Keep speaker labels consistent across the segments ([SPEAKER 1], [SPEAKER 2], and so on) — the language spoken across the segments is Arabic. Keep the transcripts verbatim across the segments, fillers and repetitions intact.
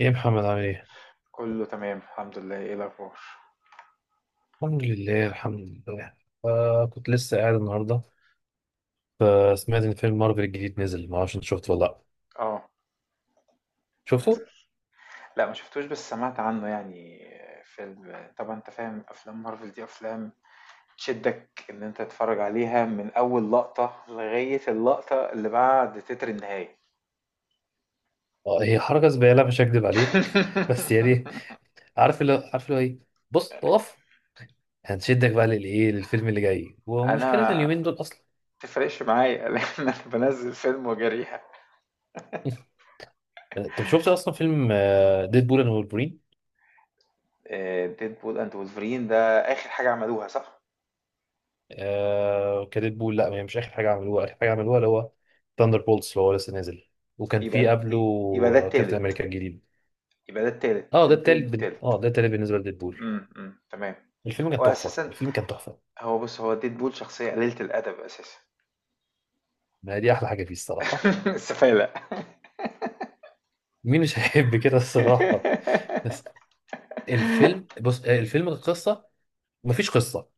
[SPEAKER 1] ايه يا محمد عامل ايه؟
[SPEAKER 2] كله تمام الحمد لله. ايه الاخبار؟
[SPEAKER 1] الحمد لله الحمد لله. آه كنت لسه قاعد النهارده، فسمعت ان فيلم مارفل الجديد نزل. ما اعرفش انت شفته ولا لا.
[SPEAKER 2] اه.
[SPEAKER 1] شفته؟
[SPEAKER 2] نزل. لا ما شفتوش، بس سمعت عنه يعني. فيلم، طبعا انت فاهم افلام مارفل دي افلام تشدك ان انت تتفرج عليها من اول لقطة لغاية اللقطة اللي بعد تتر النهاية.
[SPEAKER 1] آه هي حركه زباله، مش هكدب عليك بس يعني عارف اللي عارف اللي هو ايه. بص اقف، هنشدك بقى للايه للفيلم اللي جاي، ومشكله
[SPEAKER 2] انا
[SPEAKER 1] اليومين دول اصلا
[SPEAKER 2] ما تفرقش معايا، لان انا بنزل فيلم وجريها.
[SPEAKER 1] طب شفت اصلا فيلم آه ديدبول اند وولفرين؟
[SPEAKER 2] ديدبول اند وولفرين ده اخر حاجة عملوها، صح.
[SPEAKER 1] آه كديدبول، لا هي مش اخر حاجه عملوها. اخر حاجه عملوها اللي هو ثاندر بولتس، اللي هو لسه نازل. وكان في
[SPEAKER 2] يبقى
[SPEAKER 1] قبله
[SPEAKER 2] يبقى ده
[SPEAKER 1] آه، كابتن
[SPEAKER 2] التالت.
[SPEAKER 1] امريكا الجديد.
[SPEAKER 2] يبقى ده التالت،
[SPEAKER 1] اه ده
[SPEAKER 2] ديدبول
[SPEAKER 1] التالت بن...
[SPEAKER 2] التالت.
[SPEAKER 1] اه ده التالت بالنسبه لديدبول.
[SPEAKER 2] امم أمم، تمام.
[SPEAKER 1] الفيلم كان
[SPEAKER 2] هو
[SPEAKER 1] تحفه
[SPEAKER 2] أساسًا.
[SPEAKER 1] الفيلم كان تحفه.
[SPEAKER 2] هو بُص، هو Deadpool شخصية قليلة الأدب أساسًا.
[SPEAKER 1] ما هي دي احلى حاجه فيه الصراحه.
[SPEAKER 2] السفالة.
[SPEAKER 1] مين مش هيحب كده الصراحه؟ بس الفيلم، بص آه، الفيلم القصه مفيش قصه،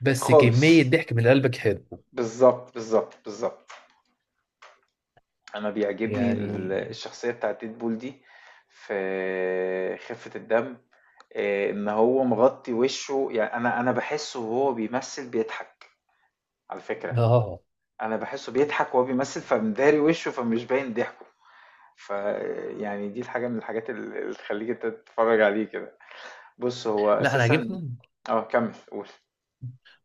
[SPEAKER 1] بس
[SPEAKER 2] خالص.
[SPEAKER 1] كميه ضحك من قلبك حلو.
[SPEAKER 2] بالضبط، بالضبط، بالضبط. أنا بيعجبني ال
[SPEAKER 1] يعني
[SPEAKER 2] الشخصية بتاعة Deadpool دي في خفة الدم. آآ إن هو مغطّي وِشّه، يعني أنا أنا باحسّه وهو بيمثّل بيضحك على فكرة.
[SPEAKER 1] اه آه، آه.
[SPEAKER 2] أنا باحسّه بيضحك وهو بيمثّل فمداري وِشّه فمش باين ضحكه. فيعني دي الحاجة من الحاجات ال اللي تخلّيك أنت تتفرّج عليه كده. بُص، هو
[SPEAKER 1] لا انا
[SPEAKER 2] أساسًا.
[SPEAKER 1] عاجبني
[SPEAKER 2] آه كمّل قُل.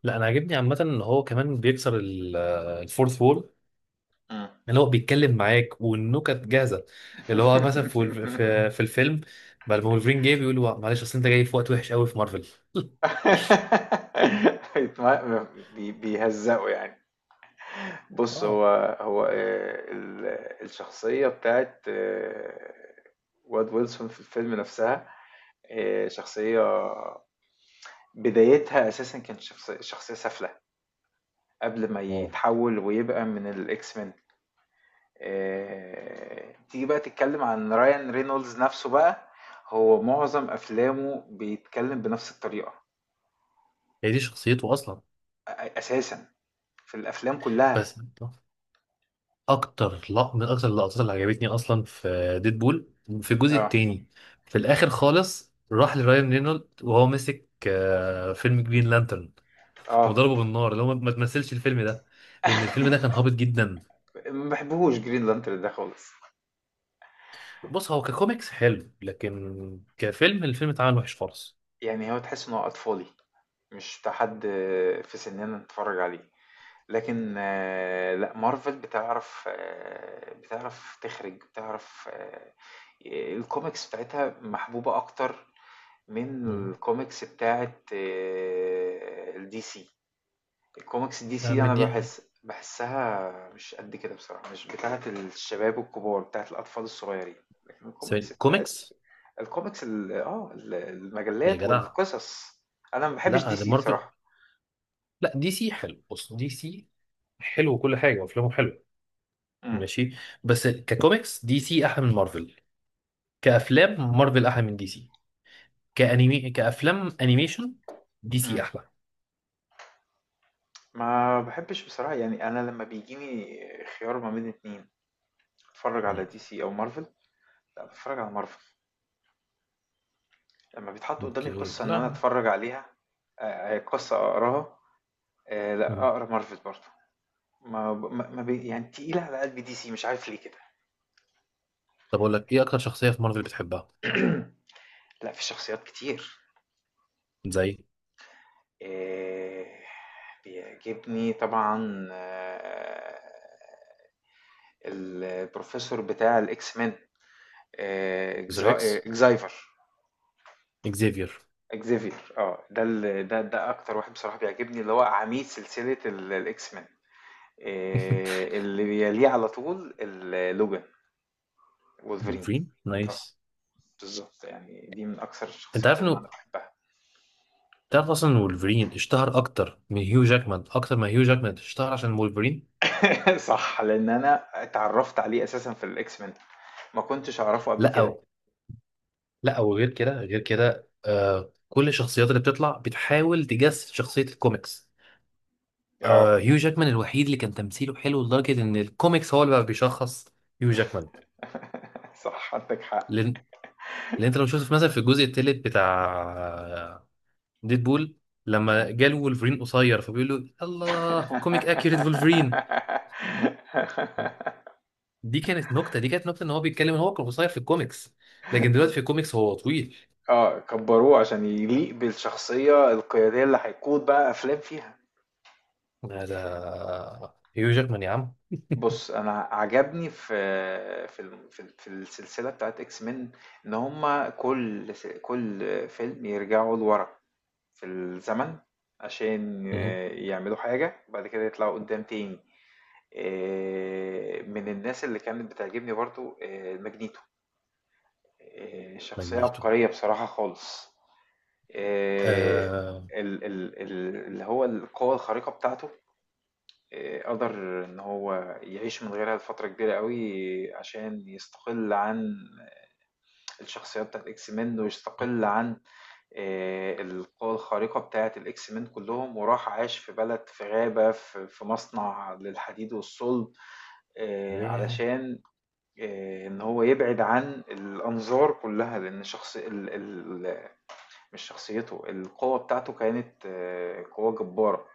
[SPEAKER 1] لا انا عاجبني عامه ان هو كمان بيكسر ال- آه، الفورث وول.
[SPEAKER 2] إمم.
[SPEAKER 1] اللي هو بيتكلم معاك والنكت جاهزه. اللي هو مثلا في ولف- في, في الفيلم، بعد ما ولفرين جه بيقول له معلش، اصل انت جاي في وقت وحش قوي في مارفل
[SPEAKER 2] بيتم بي بيهزّقوا يعني. بُص، هو
[SPEAKER 1] اه
[SPEAKER 2] هو آآ ال الشخصية بتاعة Wade Wilson في الفيلم نَفْسها. آآ شخصية بدايتها أساسًا كانت شخص شخصية سافلة، قبل ما
[SPEAKER 1] اه
[SPEAKER 2] يتحوّل ويبقى من الX-Men. آآ تيجي بقى تتكلّم عن Ryan Reynolds نَفْسه بقى. هو معظم أفلامه بيتكلّم بنَفْس الطريقة.
[SPEAKER 1] هي دي شخصيته اصلا.
[SPEAKER 2] أ- اساسا في الافلام كلها.
[SPEAKER 1] بس اكتر لق... من اكتر اللقطات اللي عجبتني اصلا في ديدبول، في الجزء
[SPEAKER 2] اه.
[SPEAKER 1] التاني، في الاخر خالص راح لراين رينولد وهو ماسك آه، فيلم جرين لانترن،
[SPEAKER 2] اه.
[SPEAKER 1] وضربه بالنار. اللي هو ما تمثلش الفيلم ده، لان الفيلم ده كان هابط جدا.
[SPEAKER 2] ما بحبهوش جرين لانترن ده خالص.
[SPEAKER 1] بص هو ككوميكس حلو، لكن كفيلم الفيلم اتعمل وحش خالص.
[SPEAKER 2] يعني هو تحس انه اطفالي، مش بتاع حد في سننا نتفرج عليه. لكن آه، لا، مارفل بتعرف آه، بتعرف تخرج. بتعرف آه، الكوميكس بتاعتها محبوبة اكتر من
[SPEAKER 1] مم.
[SPEAKER 2] الكوميكس بتاعت الدي سي. الكوميكس دي
[SPEAKER 1] آه،
[SPEAKER 2] سي
[SPEAKER 1] من
[SPEAKER 2] انا
[SPEAKER 1] دي،
[SPEAKER 2] بحس بحسها مش قد كده، بصراحة مش بتاعة الشباب الكبار، بتاعة الأطفال الصغيرين. لكن
[SPEAKER 1] سوري،
[SPEAKER 2] الكوميكس بتاعت
[SPEAKER 1] كوميكس
[SPEAKER 2] الكوميكس ال- اه ال-
[SPEAKER 1] يا
[SPEAKER 2] المجلات
[SPEAKER 1] جدع.
[SPEAKER 2] والقصص. انا ما بحبش
[SPEAKER 1] لا
[SPEAKER 2] دي
[SPEAKER 1] ده
[SPEAKER 2] سي
[SPEAKER 1] مارفل.
[SPEAKER 2] بصراحة.
[SPEAKER 1] لا دي سي حلو، بص دي سي حلو وكل حاجه وافلامه حلوه.
[SPEAKER 2] مم.
[SPEAKER 1] ماشي. بس ككوميكس دي سي احلى من مارفل، كافلام مارفل احلى من دي سي، كانيمي كافلام انيميشن دي
[SPEAKER 2] مم.
[SPEAKER 1] سي احلى.
[SPEAKER 2] ما بحبش بصراحة. يعني انا لما بيجيني خيار ما بين اتنين اتفرج على
[SPEAKER 1] مم.
[SPEAKER 2] دي سي او مارفل، لا بتفرج على مارفل. لما بيتحط قدامي
[SPEAKER 1] اوكي
[SPEAKER 2] قصة ان انا
[SPEAKER 1] لا.
[SPEAKER 2] اتفرج عليها، آه، آه، قصة اقراها. آه، لا
[SPEAKER 1] مم.
[SPEAKER 2] اقرا مارفل برضه. ما ب... ما ما بي... يعني تقيلة على قلبي دي سي، مش عارف ليه كده.
[SPEAKER 1] طب اقول لك ايه اكتر شخصيه في مارفل بتحبها؟
[SPEAKER 2] لا، في شخصيات كتير.
[SPEAKER 1] زي
[SPEAKER 2] إيه... بيعجبني طبعا، آه، البروفيسور بتاع الاكس مان،
[SPEAKER 1] زر اكس،
[SPEAKER 2] اكزايفر.
[SPEAKER 1] اكزيفير،
[SPEAKER 2] اكزيفير، اه، ده ال... ده ده اكتر واحد بصراحة بيعجبني، اللي هو عميد سلسلة ال- الاكس مان. إيه... اللي بيليه على طول ال- لوجان، وولفرين.
[SPEAKER 1] ولفرين
[SPEAKER 2] اه.
[SPEAKER 1] نايس.
[SPEAKER 2] بالظبط. يعني دي من اكثر
[SPEAKER 1] انت
[SPEAKER 2] الشخصيات
[SPEAKER 1] عارف
[SPEAKER 2] اللي
[SPEAKER 1] انه
[SPEAKER 2] انا بحبها.
[SPEAKER 1] تعرف اصلا ان ولفرين اشتهر اكتر من هيو جاكمان، اكتر ما هيو جاكمان اشتهر عشان ولفرين.
[SPEAKER 2] صح، لان انا اتعرفت عليه اساسا في الاكس مان، ما كنتش اعرفه قبل
[SPEAKER 1] لا
[SPEAKER 2] كده.
[SPEAKER 1] أو لا، وغير كده غير كده آه كل الشخصيات اللي بتطلع بتحاول تجسد شخصيه الكوميكس.
[SPEAKER 2] اه.
[SPEAKER 1] آه هيو جاكمان الوحيد اللي كان تمثيله حلو لدرجة إن الكوميكس هو اللي بقى بيشخص هيو جاكمان.
[SPEAKER 2] صح، عندك حق.
[SPEAKER 1] لأن لأن أنت لو شفت في- مثلا في الجزء التالت بتاع ديدبول،
[SPEAKER 2] مم.
[SPEAKER 1] لما جاله وولفرين قصير فبيقول له الله كوميك أكيوريت وولفرين. دي كانت نكتة دي كانت نكتة إن هو بيتكلم إن هو كان قصير في الكوميكس، لكن دلوقتي في الكوميكس هو طويل.
[SPEAKER 2] اه، كبروه عشان يليق بالشخصيه القياديه اللي هيقود بقى افلام فيها.
[SPEAKER 1] هذا هيو جاكمان يا عم.
[SPEAKER 2] بص، انا عجبني في في الم- في ال- في السلسله بتاعت اكس مين ان هما كل س- كل فيلم يرجعوا لورا في الزمن عشان
[SPEAKER 1] مهم.
[SPEAKER 2] آه، يعملوا حاجة وبعد كده يطلعوا قدام تاني. آه، من الناس اللي كانت بتعجبني برضو آه، ماجنيتو. آه، شخصية
[SPEAKER 1] ماجنيتو.
[SPEAKER 2] عبقرية بصراحة خالص. آه،
[SPEAKER 1] آه...
[SPEAKER 2] ال- ال- ال- اللي هو القوة الخارقة بتاعته، آه، قدر إن هو يعيش من غيرها لفترة كبيرة قوي عشان يستقل عن الشخصيات بتاعة إكس مان، ويستقل عن آآ القوى الخارقة بتاعة الإكس مان كلّهم، وراح عاش في بلد، في غابة، في في مصنع للحديد والصلب، آآ
[SPEAKER 1] ياه.
[SPEAKER 2] علشان آآ إن هو يبعد عن الأنظار كلّها، لإن شخص ال ال مش شخصيته. القوة بتاعته كانت آه، قوة جبارة،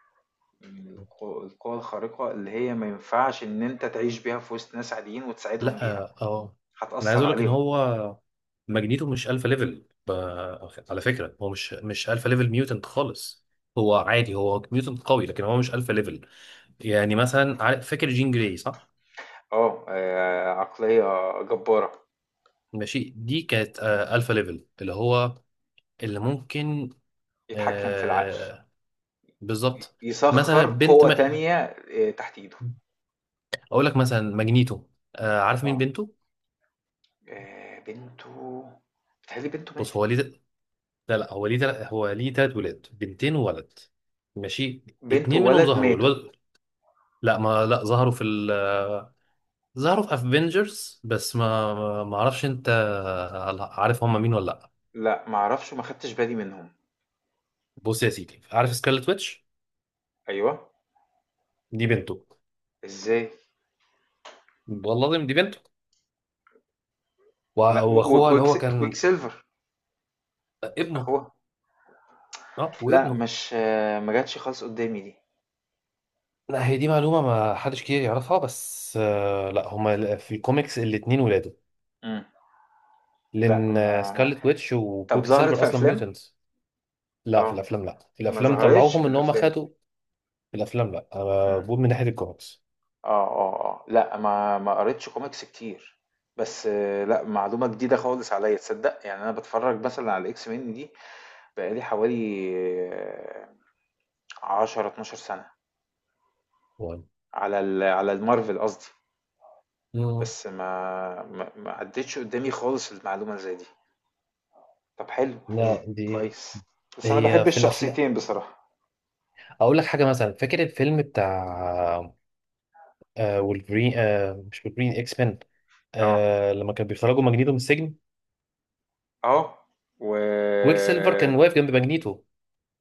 [SPEAKER 2] من الق القوى الخارقة اللي هي ما ينفعش إن أنت تعيش بيها في وسط ناس عاديين وتساعدهم
[SPEAKER 1] لا
[SPEAKER 2] بيها،
[SPEAKER 1] اه آه. انا عايز
[SPEAKER 2] هتأثّر
[SPEAKER 1] اقول لك ان
[SPEAKER 2] عليهم.
[SPEAKER 1] هو ماجنيتو مش الفا ليفل ب... على فكره هو مش مش الفا ليفل ميوتنت خالص. هو عادي، هو ميوتنت قوي، لكن هو مش الفا ليفل. يعني مثلا عارف- فاكر جين جراي، صح؟
[SPEAKER 2] آه، آآ عقلية جبارة.
[SPEAKER 1] ماشي. دي كانت آه الفا ليفل، اللي هو اللي ممكن
[SPEAKER 2] يتحكم في العقل.
[SPEAKER 1] آه
[SPEAKER 2] ي-
[SPEAKER 1] بالظبط. مثلا
[SPEAKER 2] يسخر
[SPEAKER 1] بنت
[SPEAKER 2] قوة
[SPEAKER 1] ما...
[SPEAKER 2] تانية آه، تحت ايده.
[SPEAKER 1] اقول لك مثلا ماجنيتو، آه عارف مين
[SPEAKER 2] اه.
[SPEAKER 1] بنته؟
[SPEAKER 2] آه، بنته. بتهيألي بنته
[SPEAKER 1] بص هو ليه
[SPEAKER 2] ماتت.
[SPEAKER 1] لا لا، هو ليه تل... هو ليه تلات ولاد، بنتين وولد. ماشي.
[SPEAKER 2] بنته
[SPEAKER 1] اتنين منهم
[SPEAKER 2] وولد
[SPEAKER 1] ظهروا،
[SPEAKER 2] ماتوا.
[SPEAKER 1] الولد، لا ما لا، ظهروا في ال ظهروا في افنجرز. بس ما ما اعرفش انت عارف هم مين ولا لا.
[SPEAKER 2] لا معرفش، ما خدتش بالي منهم.
[SPEAKER 1] بص يا سيدي، عارف سكارلت ويتش؟
[SPEAKER 2] ايوه.
[SPEAKER 1] دي بنته.
[SPEAKER 2] ازاي؟
[SPEAKER 1] والله العظيم دي بنته. وأ-
[SPEAKER 2] لا، و-
[SPEAKER 1] واخوها اللي
[SPEAKER 2] وكويك س-
[SPEAKER 1] هو
[SPEAKER 2] كويك
[SPEAKER 1] كان
[SPEAKER 2] سيلفر
[SPEAKER 1] ابنه.
[SPEAKER 2] اخوها.
[SPEAKER 1] اه
[SPEAKER 2] لا
[SPEAKER 1] وابنه.
[SPEAKER 2] مش آه، ما جاتش خالص قدامي دي.
[SPEAKER 1] لا هي دي معلومة ما حدش كتير يعرفها، بس آه، لا هما في الكوميكس الاتنين ولاده.
[SPEAKER 2] مم. لا
[SPEAKER 1] لان
[SPEAKER 2] ما...
[SPEAKER 1] سكارلت ويتش
[SPEAKER 2] طب
[SPEAKER 1] وكوكي
[SPEAKER 2] ظهرت
[SPEAKER 1] سيلفر
[SPEAKER 2] في
[SPEAKER 1] اصلا
[SPEAKER 2] افلام.
[SPEAKER 1] ميوتنتس. لا في
[SPEAKER 2] اه.
[SPEAKER 1] الافلام، لا في
[SPEAKER 2] ما
[SPEAKER 1] الافلام
[SPEAKER 2] ظهرتش في
[SPEAKER 1] طلعوهم ان هم
[SPEAKER 2] الافلام.
[SPEAKER 1] خدوا. في الافلام لا، انا بقول من ناحية الكوميكس.
[SPEAKER 2] آه، آه، آه. لأ، ما ما قريتش كوميكس كتير، بس آه، لأ، معلومة جديدة خالص عليّا، تصدّق؟ يعني أنا باتفرّج مثلًا على الX men دي بقى لي حوالي عشرة، اتناشر سَنة، على ال على الMarvel قصدي،
[SPEAKER 1] مم.
[SPEAKER 2] بس ما ما ما عدّتش قدّامي خالص المعلومة اللي زي دي. طَب، حلو، حلو،
[SPEAKER 1] لا دي
[SPEAKER 2] كويس. بس أنا
[SPEAKER 1] هي
[SPEAKER 2] باحب
[SPEAKER 1] في الافلام.
[SPEAKER 2] الشخصيتين بصراحة.
[SPEAKER 1] اقول لك حاجه، مثلا فاكر الفيلم بتاع آه وولفرين آه مش وولفرين، اكس مان،
[SPEAKER 2] آه،
[SPEAKER 1] آه لما كان بيخرجوا ماجنيتو من السجن،
[SPEAKER 2] آه، و
[SPEAKER 1] كويك سيلفر كان واقف جنب ماجنيتو.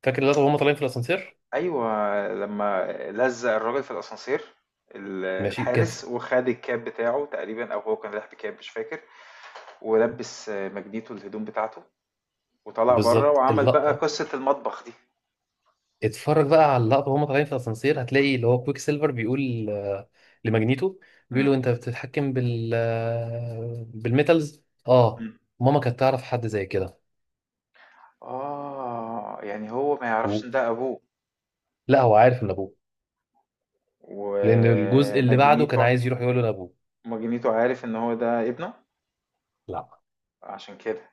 [SPEAKER 1] فاكر اللقطه وهم طالعين في الاسانسير؟
[SPEAKER 2] أيوه، لمّا لزّق الراجل في الأسانسير ال
[SPEAKER 1] ماشي كان في.
[SPEAKER 2] الحارس وخَد الكاب بتاعه تقريبًا، أو هو كان رايح بكاب مش فاكر، ولبِّس مجديتو الهدوم بتاعته وطلع برّه
[SPEAKER 1] بالظبط
[SPEAKER 2] وعمل بقى
[SPEAKER 1] اللقطه.
[SPEAKER 2] قصة المطبخ دي.
[SPEAKER 1] اتفرج بقى على اللقطه وهم طالعين في الاسانسير، هتلاقي اللي هو كويك سيلفر بيقول آه لماجنيتو، بيقول
[SPEAKER 2] إمم،
[SPEAKER 1] له انت بتتحكم بال آه بالميتالز. اه
[SPEAKER 2] إمم.
[SPEAKER 1] ماما كانت تعرف حد زي كده.
[SPEAKER 2] آه، يعني هو ما يعرفش
[SPEAKER 1] و-
[SPEAKER 2] إن ده أبوه؟
[SPEAKER 1] لا هو عارف ان ابوه، لأن الجزء اللي بعده
[SPEAKER 2] ومجنيتو
[SPEAKER 1] كان عايز يروح يقول له لأبوه.
[SPEAKER 2] مجنيتو عارف إن هو ده ابنه،
[SPEAKER 1] لا
[SPEAKER 2] عشان كده.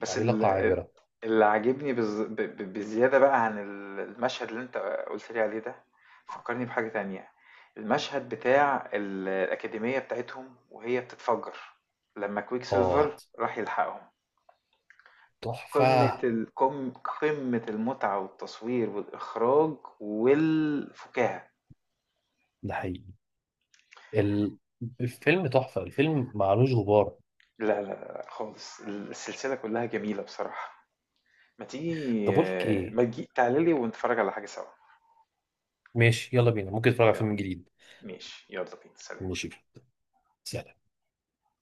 [SPEAKER 2] بس ال-
[SPEAKER 1] علاقة
[SPEAKER 2] ال-
[SPEAKER 1] عابرة.
[SPEAKER 2] اللي عاجبني بز- ب- ب- بزيادة بقى عن ال- المشهد اللي انت قلت لي عليه ده، فكرني بحاجة تانية. المشهد بتاع ال- الأكاديمية بتاعتهم وهي بتتفجر لما كويك
[SPEAKER 1] آه
[SPEAKER 2] سيلفر راح يلحقهم، قمة
[SPEAKER 1] تحفة.
[SPEAKER 2] ال- قم- قمة المتعة والتصوير والإخراج والفكاهة.
[SPEAKER 1] ده حقيقي. ال- الفيلم تحفة الفيلم معلوش غبار.
[SPEAKER 2] لا لا لا، خالص السلسلة كلها جميلة بصراحة. ما تيجي
[SPEAKER 1] طب أقول لك إيه؟
[SPEAKER 2] ما تجي تعالي لي ونتفرج على حاجة سوا.
[SPEAKER 1] ماشي يلا بينا، ممكن نتفرج على
[SPEAKER 2] يلا.
[SPEAKER 1] فيلم جديد.
[SPEAKER 2] ماشي، يلا بينا، سلام.
[SPEAKER 1] ماشي سلام.